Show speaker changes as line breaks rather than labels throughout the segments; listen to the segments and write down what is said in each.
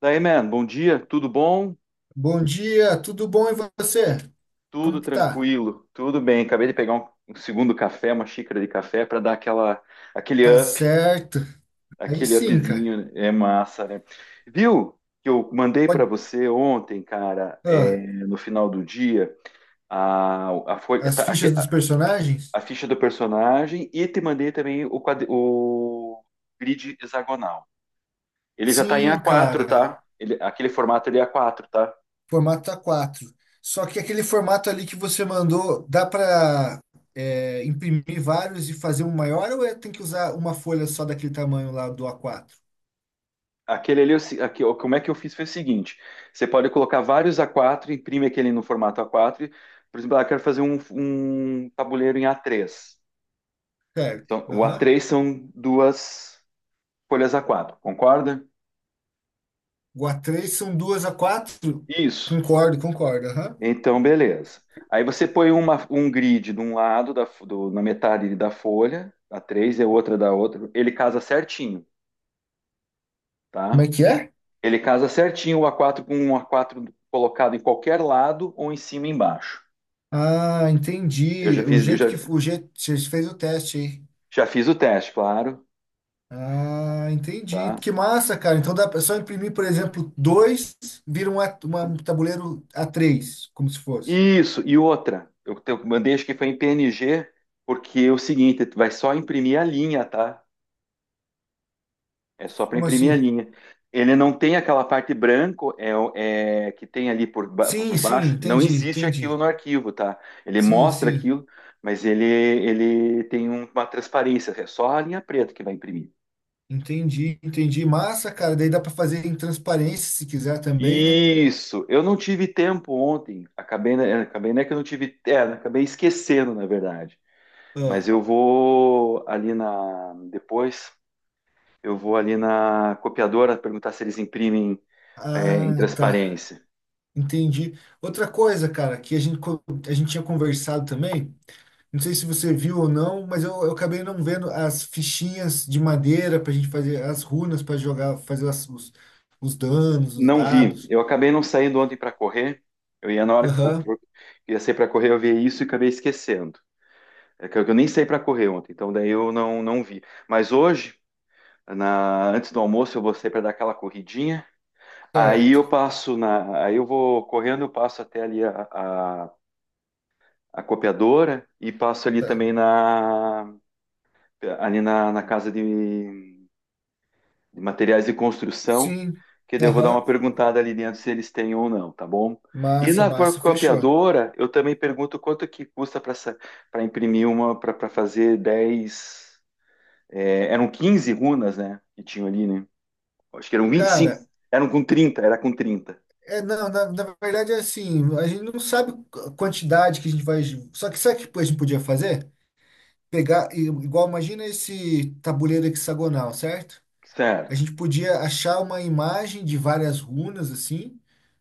Daí, man, bom dia, tudo bom?
Bom dia, tudo bom e você? Como
Tudo
que tá?
tranquilo, tudo bem. Acabei de pegar um segundo café, uma xícara de café para dar aquele
Tá
up,
certo. Aí
aquele
sim, cara.
upzinho, é massa, né? Viu que eu mandei para
Pode...
você ontem, cara,
ah,
no final do dia, a, folha-
As
tá,
fichas
aque-
dos personagens?
a ficha do personagem e te mandei também o grid hexagonal. Ele já tá em
Sim,
A4,
cara.
tá? Aquele formato ele é A4, tá?
Formato A4. Só que aquele formato ali que você mandou, dá pra imprimir vários e fazer um maior, ou tem que usar uma folha só daquele tamanho lá do A4?
Aquele ali, eu se- aqui, ó, como é que eu fiz foi o seguinte: você pode colocar vários A4, imprime aquele no formato A4. Por exemplo, eu quero fazer um tabuleiro em A3.
Certo.
Então, o
Aham.
A3 são duas folhas A4, concorda?
O A3 são duas A4.
Isso.
Concordo, concordo. Aham.
Então, beleza. Aí você põe um grid de um lado, na metade da folha, A3 e a outra da outra. Ele casa certinho,
Como
tá?
é que é?
Ele casa certinho o A4 com um A4 colocado em qualquer lado ou em cima e embaixo.
Ah,
Eu já
entendi. O
fiz, eu já
jeito que o jeito você fez o teste, hein?
Já fiz o teste, claro,
Ah, entendi.
tá?
Que massa, cara. Então dá pra só imprimir, por exemplo, dois, vira um, um tabuleiro A3, como se fosse.
Isso, e outra, eu mandei acho que foi em PNG, porque é o seguinte, tu vai só imprimir a linha, tá? É só para
Como
imprimir a
assim?
linha. Ele não tem aquela parte branco que tem ali
Sim,
por
sim,
baixo, não
entendi,
existe aquilo
entendi.
no arquivo, tá? Ele
Sim,
mostra
sim,
aquilo, mas ele tem uma transparência, é só a linha preta que vai imprimir.
entendi, entendi. Massa, cara. Daí dá pra fazer em transparência se quiser também, né?
Isso, eu não tive tempo ontem, acabei, né, que eu não tive, é, acabei esquecendo, na verdade. Mas
Ah,
eu vou ali na. Depois, eu vou ali na copiadora perguntar se eles imprimem
ah,
em
tá.
transparência.
Entendi. Outra coisa, cara, que a gente tinha conversado também. Não sei se você viu ou não, mas eu acabei não vendo as fichinhas de madeira para a gente fazer as runas para jogar, fazer os danos, os
Não vi.
dados.
Eu acabei não saindo ontem para correr. Eu ia na hora que
Aham,
ia sair para correr, eu vi isso e acabei esquecendo. É que eu nem saí para correr ontem, então daí eu não vi. Mas hoje, antes do almoço, eu vou sair para dar aquela corridinha. Aí
certo.
eu passo na. Aí eu vou correndo, eu passo até ali a, a copiadora e passo ali
Tá.
também na ali na casa de materiais de construção,
Sim,
que daí eu vou dar uma
aham.
perguntada ali dentro se eles têm ou não, tá bom? E
Massa,
na
massa, fechou.
copiadora, eu também pergunto quanto que custa para imprimir para fazer 10 eram 15 runas, né? Que tinham ali, né? Acho que eram 25.
Cara,
Era com 30.
não, na verdade é assim, a gente não sabe a quantidade que a gente vai. Só que sabe o que a gente podia fazer? Pegar, igual, imagina esse tabuleiro hexagonal, certo? A
Certo.
gente podia achar uma imagem de várias runas assim,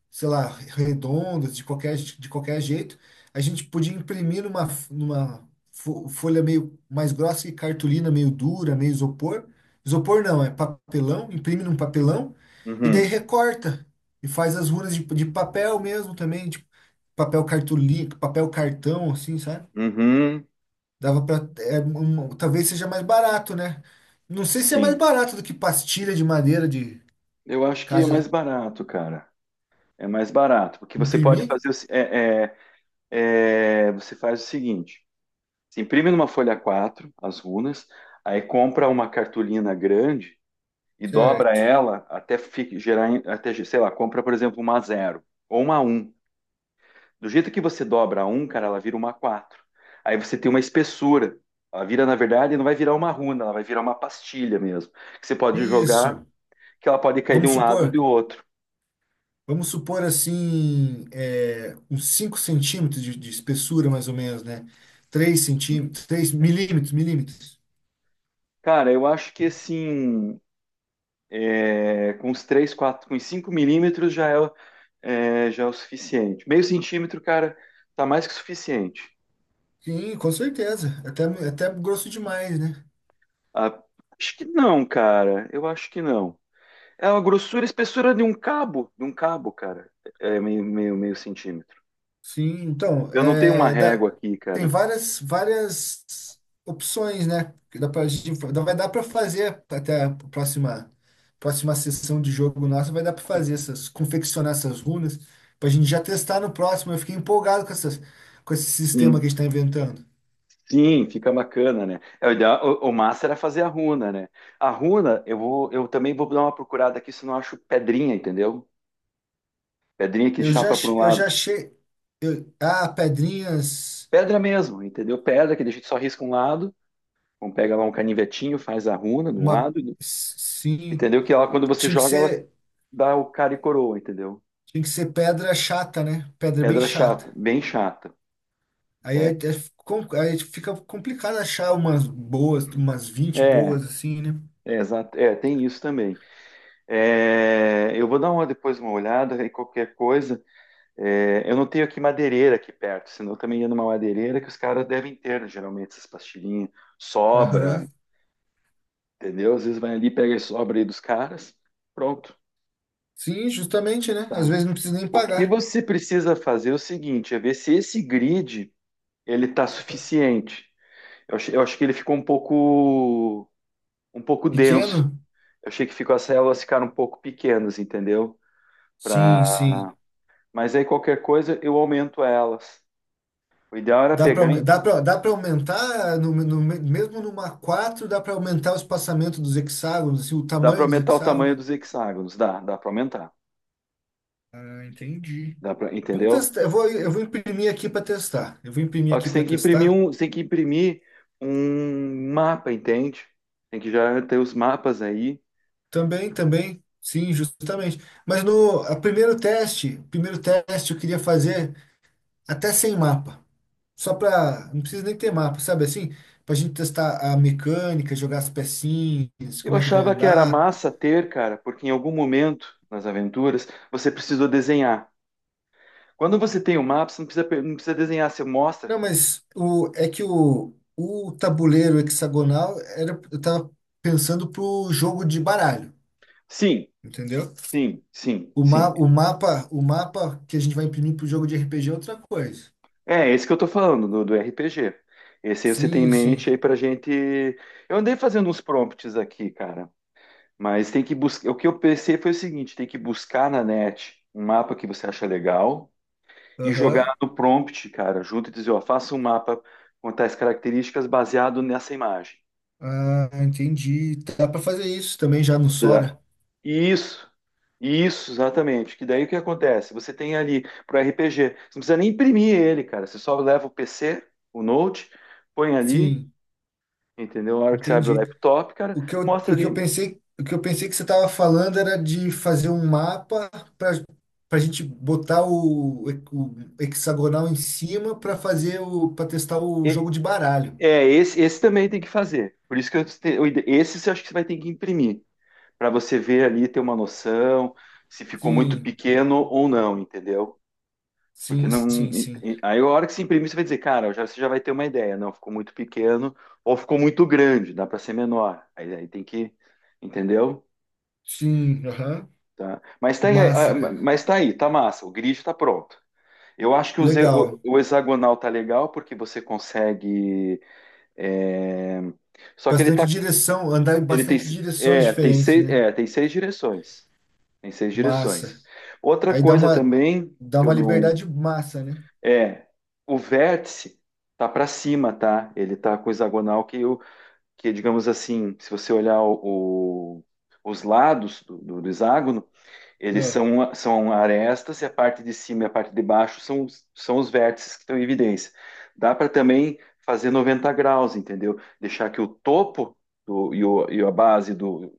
sei lá, redondas, de qualquer jeito. A gente podia imprimir numa folha meio mais grossa e cartolina meio dura, meio isopor. Isopor não, é papelão, imprime num papelão e daí
Uhum.
recorta e faz as runas de papel mesmo também, tipo papel cartolina, papel cartão assim, sabe?
Uhum.
Dava para talvez seja mais barato, né? Não sei se é mais
Sim.
barato do que pastilha de madeira de.
Eu acho que é mais
Caso
barato, cara. É mais barato, porque você pode
imprimir,
fazer. O se- É, você faz o seguinte: Você imprime numa folha quatro as runas, aí compra uma cartolina grande e dobra
certo.
ela até gerar, até, sei lá, compra, por exemplo, uma zero ou uma um. Do jeito que você dobra a 1, cara, ela vira uma quatro. Aí você tem uma espessura. Ela vira, na verdade, não vai virar uma runa, ela vai virar uma pastilha mesmo. Que você pode jogar,
Isso.
que ela pode cair de
Vamos
um lado ou do
supor,
outro.
vamos supor assim, uns 5 centímetros de espessura, mais ou menos, né? 3 centímetros, 3 milímetros.
Cara, eu acho que assim, com os 3 4 com os 5 milímetros já é, já é o suficiente. Meio centímetro, cara, tá mais que suficiente.
Sim, com certeza. Até grosso demais, né?
Ah, acho que não, cara. Eu acho que não. É a grossura, a espessura de um cabo, cara. É meio centímetro.
Sim, então,
Eu não tenho uma régua aqui,
tem
cara.
várias, várias opções, né? que Dá pra, gente- dá- Vai dar para fazer até a próxima, próxima sessão de jogo nossa, vai dar para fazer essas, confeccionar essas runas, para a gente já testar no próximo. Eu fiquei empolgado com essas, com esse sistema que
Sim,
a gente está inventando.
sim, fica bacana, né? É, o, ideal- o O massa era fazer a runa, né? A runa, eu vou, eu também vou dar uma procurada aqui se não acho pedrinha, entendeu? Pedrinha que
Eu já,
chapa para
ach-
um
eu já
lado.
achei, ah, pedrinhas,
Pedra mesmo, entendeu? Pedra que a gente só risca um lado. Então pega lá um canivetinho, faz a runa de um
uma,
lado,
sim,
entendeu? Que ela, quando você
tinha que
joga, ela
ser,
dá o cara e coroa, entendeu?
tinha que ser pedra chata, né? Pedra bem
Pedra
chata.
chata, bem chata.
Aí é,
É,
é aí fica complicado achar umas boas, umas 20
é,
boas assim, né?
Exato, é, tem isso também. É, eu vou dar depois uma olhada e qualquer coisa. É, eu não tenho aqui madeireira aqui perto, senão eu também ia numa madeireira que os caras devem ter, né, geralmente, essas pastilhinhas. Sobra,
Aham.
entendeu? Às vezes vai ali, pega e sobra aí dos caras. Pronto.
Sim, justamente, né? Às
Tá.
vezes não precisa nem
O que
pagar.
você precisa fazer é o seguinte, é ver se esse grid ele tá suficiente. Eu acho que ele ficou um pouco denso.
Pequeno?
Eu achei que ficou As células ficaram um pouco pequenas, entendeu?
Sim,
Pra...
sim.
Mas aí qualquer coisa eu aumento elas. O ideal era
Dá para
pegar e
dá para dá para aumentar mesmo numa 4 dá para aumentar o espaçamento dos hexágonos, assim, o
dá para
tamanho dos
aumentar o tamanho
hexágonos.
dos hexágonos, dá para aumentar,
Ah, entendi.
dá para,
Vamos
entendeu?
testar. Eu vou imprimir aqui para testar. Eu vou imprimir
Só que
aqui
você
para
tem que imprimir
testar.
você tem que imprimir um mapa, entende? Tem que já ter os mapas aí.
Também, também, sim, justamente. Mas no a primeiro teste eu queria fazer até sem mapa. Só para, não precisa nem ter mapa, sabe assim? Pra gente testar a mecânica, jogar as pecinhas,
Eu
como é que vai
achava que era
andar.
massa ter, cara, porque em algum momento nas aventuras você precisou desenhar. Quando você tem o mapa, você não precisa, não precisa desenhar, você mostra.
Não, mas o é que o tabuleiro hexagonal era eu tava pensando pro jogo de baralho,
Sim,
entendeu?
sim, sim,
O,
sim.
ma, o mapa, o mapa que a gente vai imprimir pro jogo de RPG é outra coisa.
É esse que eu tô falando, do RPG. Esse aí você tem em
Sim,
mente
sim.
aí pra gente. Eu andei fazendo uns prompts aqui, cara. Mas tem que buscar. O que eu pensei foi o seguinte: tem que buscar na net um mapa que você acha legal e jogar
Aham.
no prompt, cara, junto e dizer, ó, faça um mapa com tais características baseado nessa imagem.
Ah, entendi. Dá para fazer isso também já no
Tá?
Sora?
Isso, isso, exatamente. Que daí o que acontece? Você tem ali para RPG, você não precisa nem imprimir ele, cara. Você só leva o PC, o Note, põe ali,
Sim,
entendeu? Na hora que você abre o
entendi.
laptop, cara,
O que eu,
mostra ali.
o que eu pensei que você estava falando era de fazer um mapa para para a gente botar o hexagonal em cima para testar o
E-
jogo de baralho.
esse também tem que fazer. Por isso que eu, te- eu ide- esse você acha que você vai ter que imprimir, para você ver ali, ter uma noção se ficou muito
Sim,
pequeno ou não, entendeu? Porque
sim,
não.
sim, sim.
Aí a hora que se imprimir, você vai dizer, cara, já, você já vai ter uma ideia. Não, ficou muito pequeno ou ficou muito grande, dá para ser menor. Aí tem que. Entendeu?
Sim, aham.
Tá. Mas tá, aí, ah,
Massa, cara.
mas tá aí, tá massa. O grid tá pronto. Eu acho que
Legal.
o hexagonal tá legal porque você consegue. é, Só que ele
Bastante
tá.
direção, andar em
Ele tem,
bastante direções diferentes, né?
tem seis direções. Tem seis direções.
Massa.
Outra
Aí dá
coisa
uma
também
dá
que eu
uma
não.
liberdade massa, né?
É, o vértice tá para cima, tá? Ele tá com o hexagonal que digamos assim, se você olhar os lados do hexágono, eles
Ah,
são arestas e a parte de cima e a parte de baixo são são os vértices que estão em evidência. Dá para também fazer 90 graus, entendeu? Deixar que o topo do, e, o, e a base do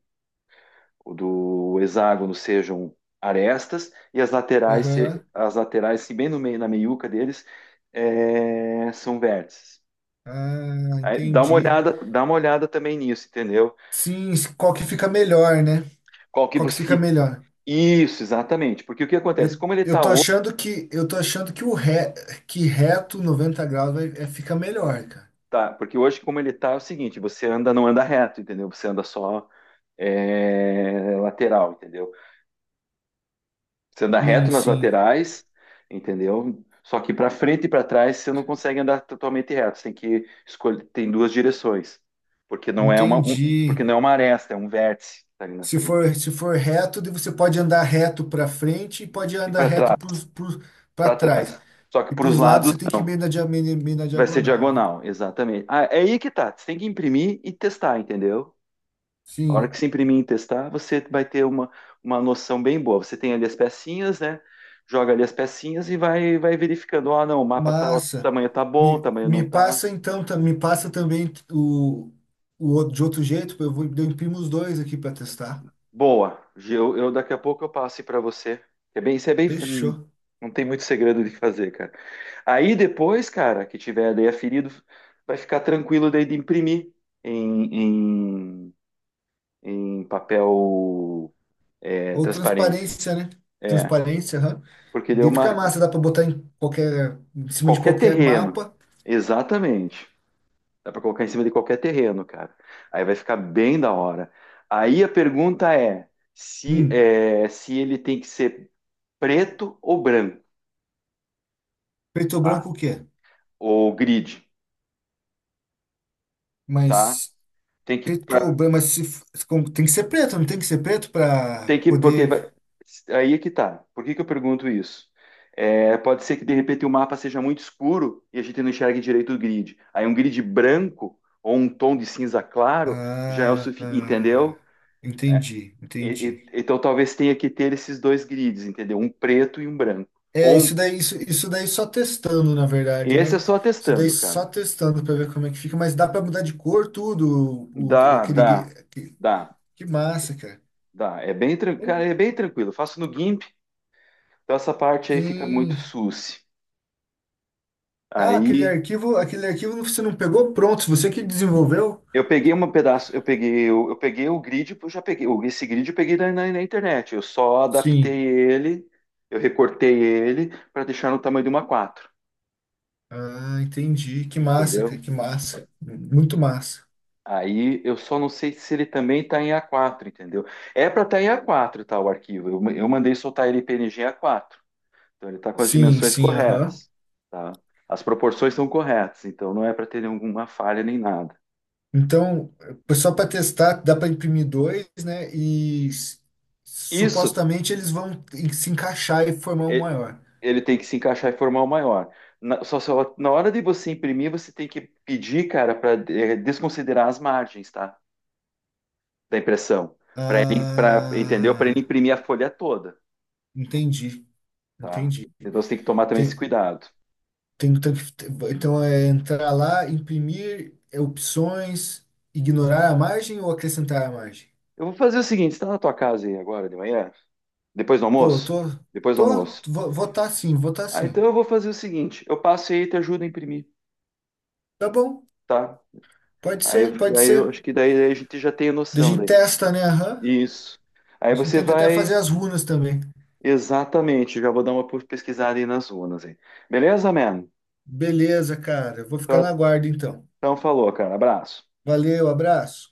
o do hexágono sejam arestas e
aham.
as laterais, se bem no meio, na meiuca deles, são vértices.
Ah,
Aí,
entendi.
dá uma olhada também nisso, entendeu?
Sim, qual que fica melhor, né?
Qual que
Qual que
você
fica
fica...
melhor?
Isso, exatamente. Porque o que acontece? Como ele
Eu
está
tô
hoje,
achando que eu tô achando que reto 90 graus fica melhor, cara.
tá, porque hoje como ele está é o seguinte, você anda, não anda reto, entendeu? Você anda só lateral, entendeu? Você anda reto
Sim,
nas
sim.
laterais, entendeu? Só que para frente e para trás você não consegue andar totalmente reto. Você tem que escolher, tem duas direções, porque não é uma, um-
Entendi.
porque não é uma aresta, é um vértice que tá ali na
Se
frente.
for se for reto, daí você pode andar reto para frente e pode
E
andar
para
reto
trás,
para
para
trás.
trás. Só que
E
para
para
os
os lados
lados
você tem que ir
não.
meio na
Vai ser
diagonal, né?
diagonal, exatamente. Ah, é aí que tá. Você tem que imprimir e testar, entendeu? A hora que
Sim.
você imprimir e testar, você vai ter uma noção bem boa. Você tem ali as pecinhas, né? Joga ali as pecinhas e vai verificando. Ah, não, o mapa tá, o
Massa.
tamanho tá bom, o
Me,
tamanho não
me
tá.
passa então, me passa também o outro, de outro jeito, eu imprimo os dois aqui para
Ah,
testar.
boa. Eu daqui a pouco eu passo para você. Isso é bem,
Fechou.
não tem muito segredo de fazer, cara. Aí depois, cara, que tiver daí aferido, vai ficar tranquilo daí de imprimir em, em, em papel
Ou
transparência.
transparência, né?
É,
Transparência, aham.
porque deu
Daí fica
uma.
massa, dá para botar em cima de
Qualquer
qualquer
terreno.
mapa.
Exatamente. Dá para colocar em cima de qualquer terreno, cara. Aí vai ficar bem da hora. Aí a pergunta é
Hum,
se ele tem que ser preto ou branco,
Preto ou
tá?
branco o quê?
Ou grid, tá?
Mas
Tem que,
preto
pra-
ou branco, mas se, f- se com- tem que ser preto, não tem que ser preto para
tem que, porque
poder.
vai- aí é que tá. Por que que eu pergunto isso? É, pode ser que de repente o mapa seja muito escuro e a gente não enxergue direito o grid. Aí um grid branco ou um tom de cinza claro já é o
Ah,
suficiente,
ah,
entendeu?
entendi, entendi.
Então talvez tenha que ter esses dois grids, entendeu? Um preto e um branco.
É,
Ou
isso
um.
daí, isso daí só testando, na verdade,
Esse é
né?
só
Isso daí
testando, cara.
só testando para ver como é que fica, mas dá para mudar de cor tudo,
Dá, dá,
que,
dá,
que massa, cara.
dá. É bem, cara, é bem tranquilo. Eu faço no GIMP, então essa parte aí fica muito
Sim.
susse.
Ah, aquele
Aí
arquivo, aquele arquivo você não pegou pronto, você que desenvolveu?
eu peguei um pedaço, eu peguei o grid, eu já peguei, o- esse grid eu peguei na internet. Eu só adaptei
Sim.
ele, eu recortei ele para deixar no tamanho de uma quatro,
Ah, entendi. Que massa,
entendeu?
cara, que massa. Muito massa.
Aí eu só não sei se ele também está em A4, entendeu? É para estar em A4, tá, o arquivo. Eu mandei soltar ele em PNG em A4. Então ele está com as
Sim,
dimensões
sim, aham.
corretas, tá? As proporções são corretas, então não é para ter nenhuma falha nem nada.
Então, só para testar, dá para imprimir dois, né? E
Isso,
supostamente eles vão se encaixar e formar um
e-
maior.
ele tem que se encaixar e formar o maior. Na hora de você imprimir, você tem que pedir, cara, para desconsiderar as margens, tá? Da impressão, para ele, pra, entendeu? Para ele
Ah,
imprimir a folha toda,
entendi,
tá?
entendi.
Então você tem que tomar também esse
Tem,
cuidado.
tem, um tanque- então é entrar lá, imprimir, opções, ignorar a margem ou acrescentar a margem?
Eu vou fazer o seguinte, você está na tua casa aí agora de manhã? Depois do
Tô,
almoço?
tô,
Depois do
tô,
almoço.
vou tá sim, vou tá
Ah, então
sim.
eu vou fazer o seguinte, eu passo aí e te ajudo a imprimir,
Tá bom,
tá?
pode
Aí,
ser, pode
aí eu
ser.
acho que daí a gente já tem a
Daí a
noção
gente
daí.
testa, né? Aham.
Isso.
A
Aí
gente
você
tenta até fazer
vai,
as runas também.
exatamente, já vou dar uma pesquisada aí nas urnas aí. Beleza, man?
Beleza, cara. Eu vou ficar na
Então,
guarda então.
então falou, cara. Abraço.
Valeu, abraço.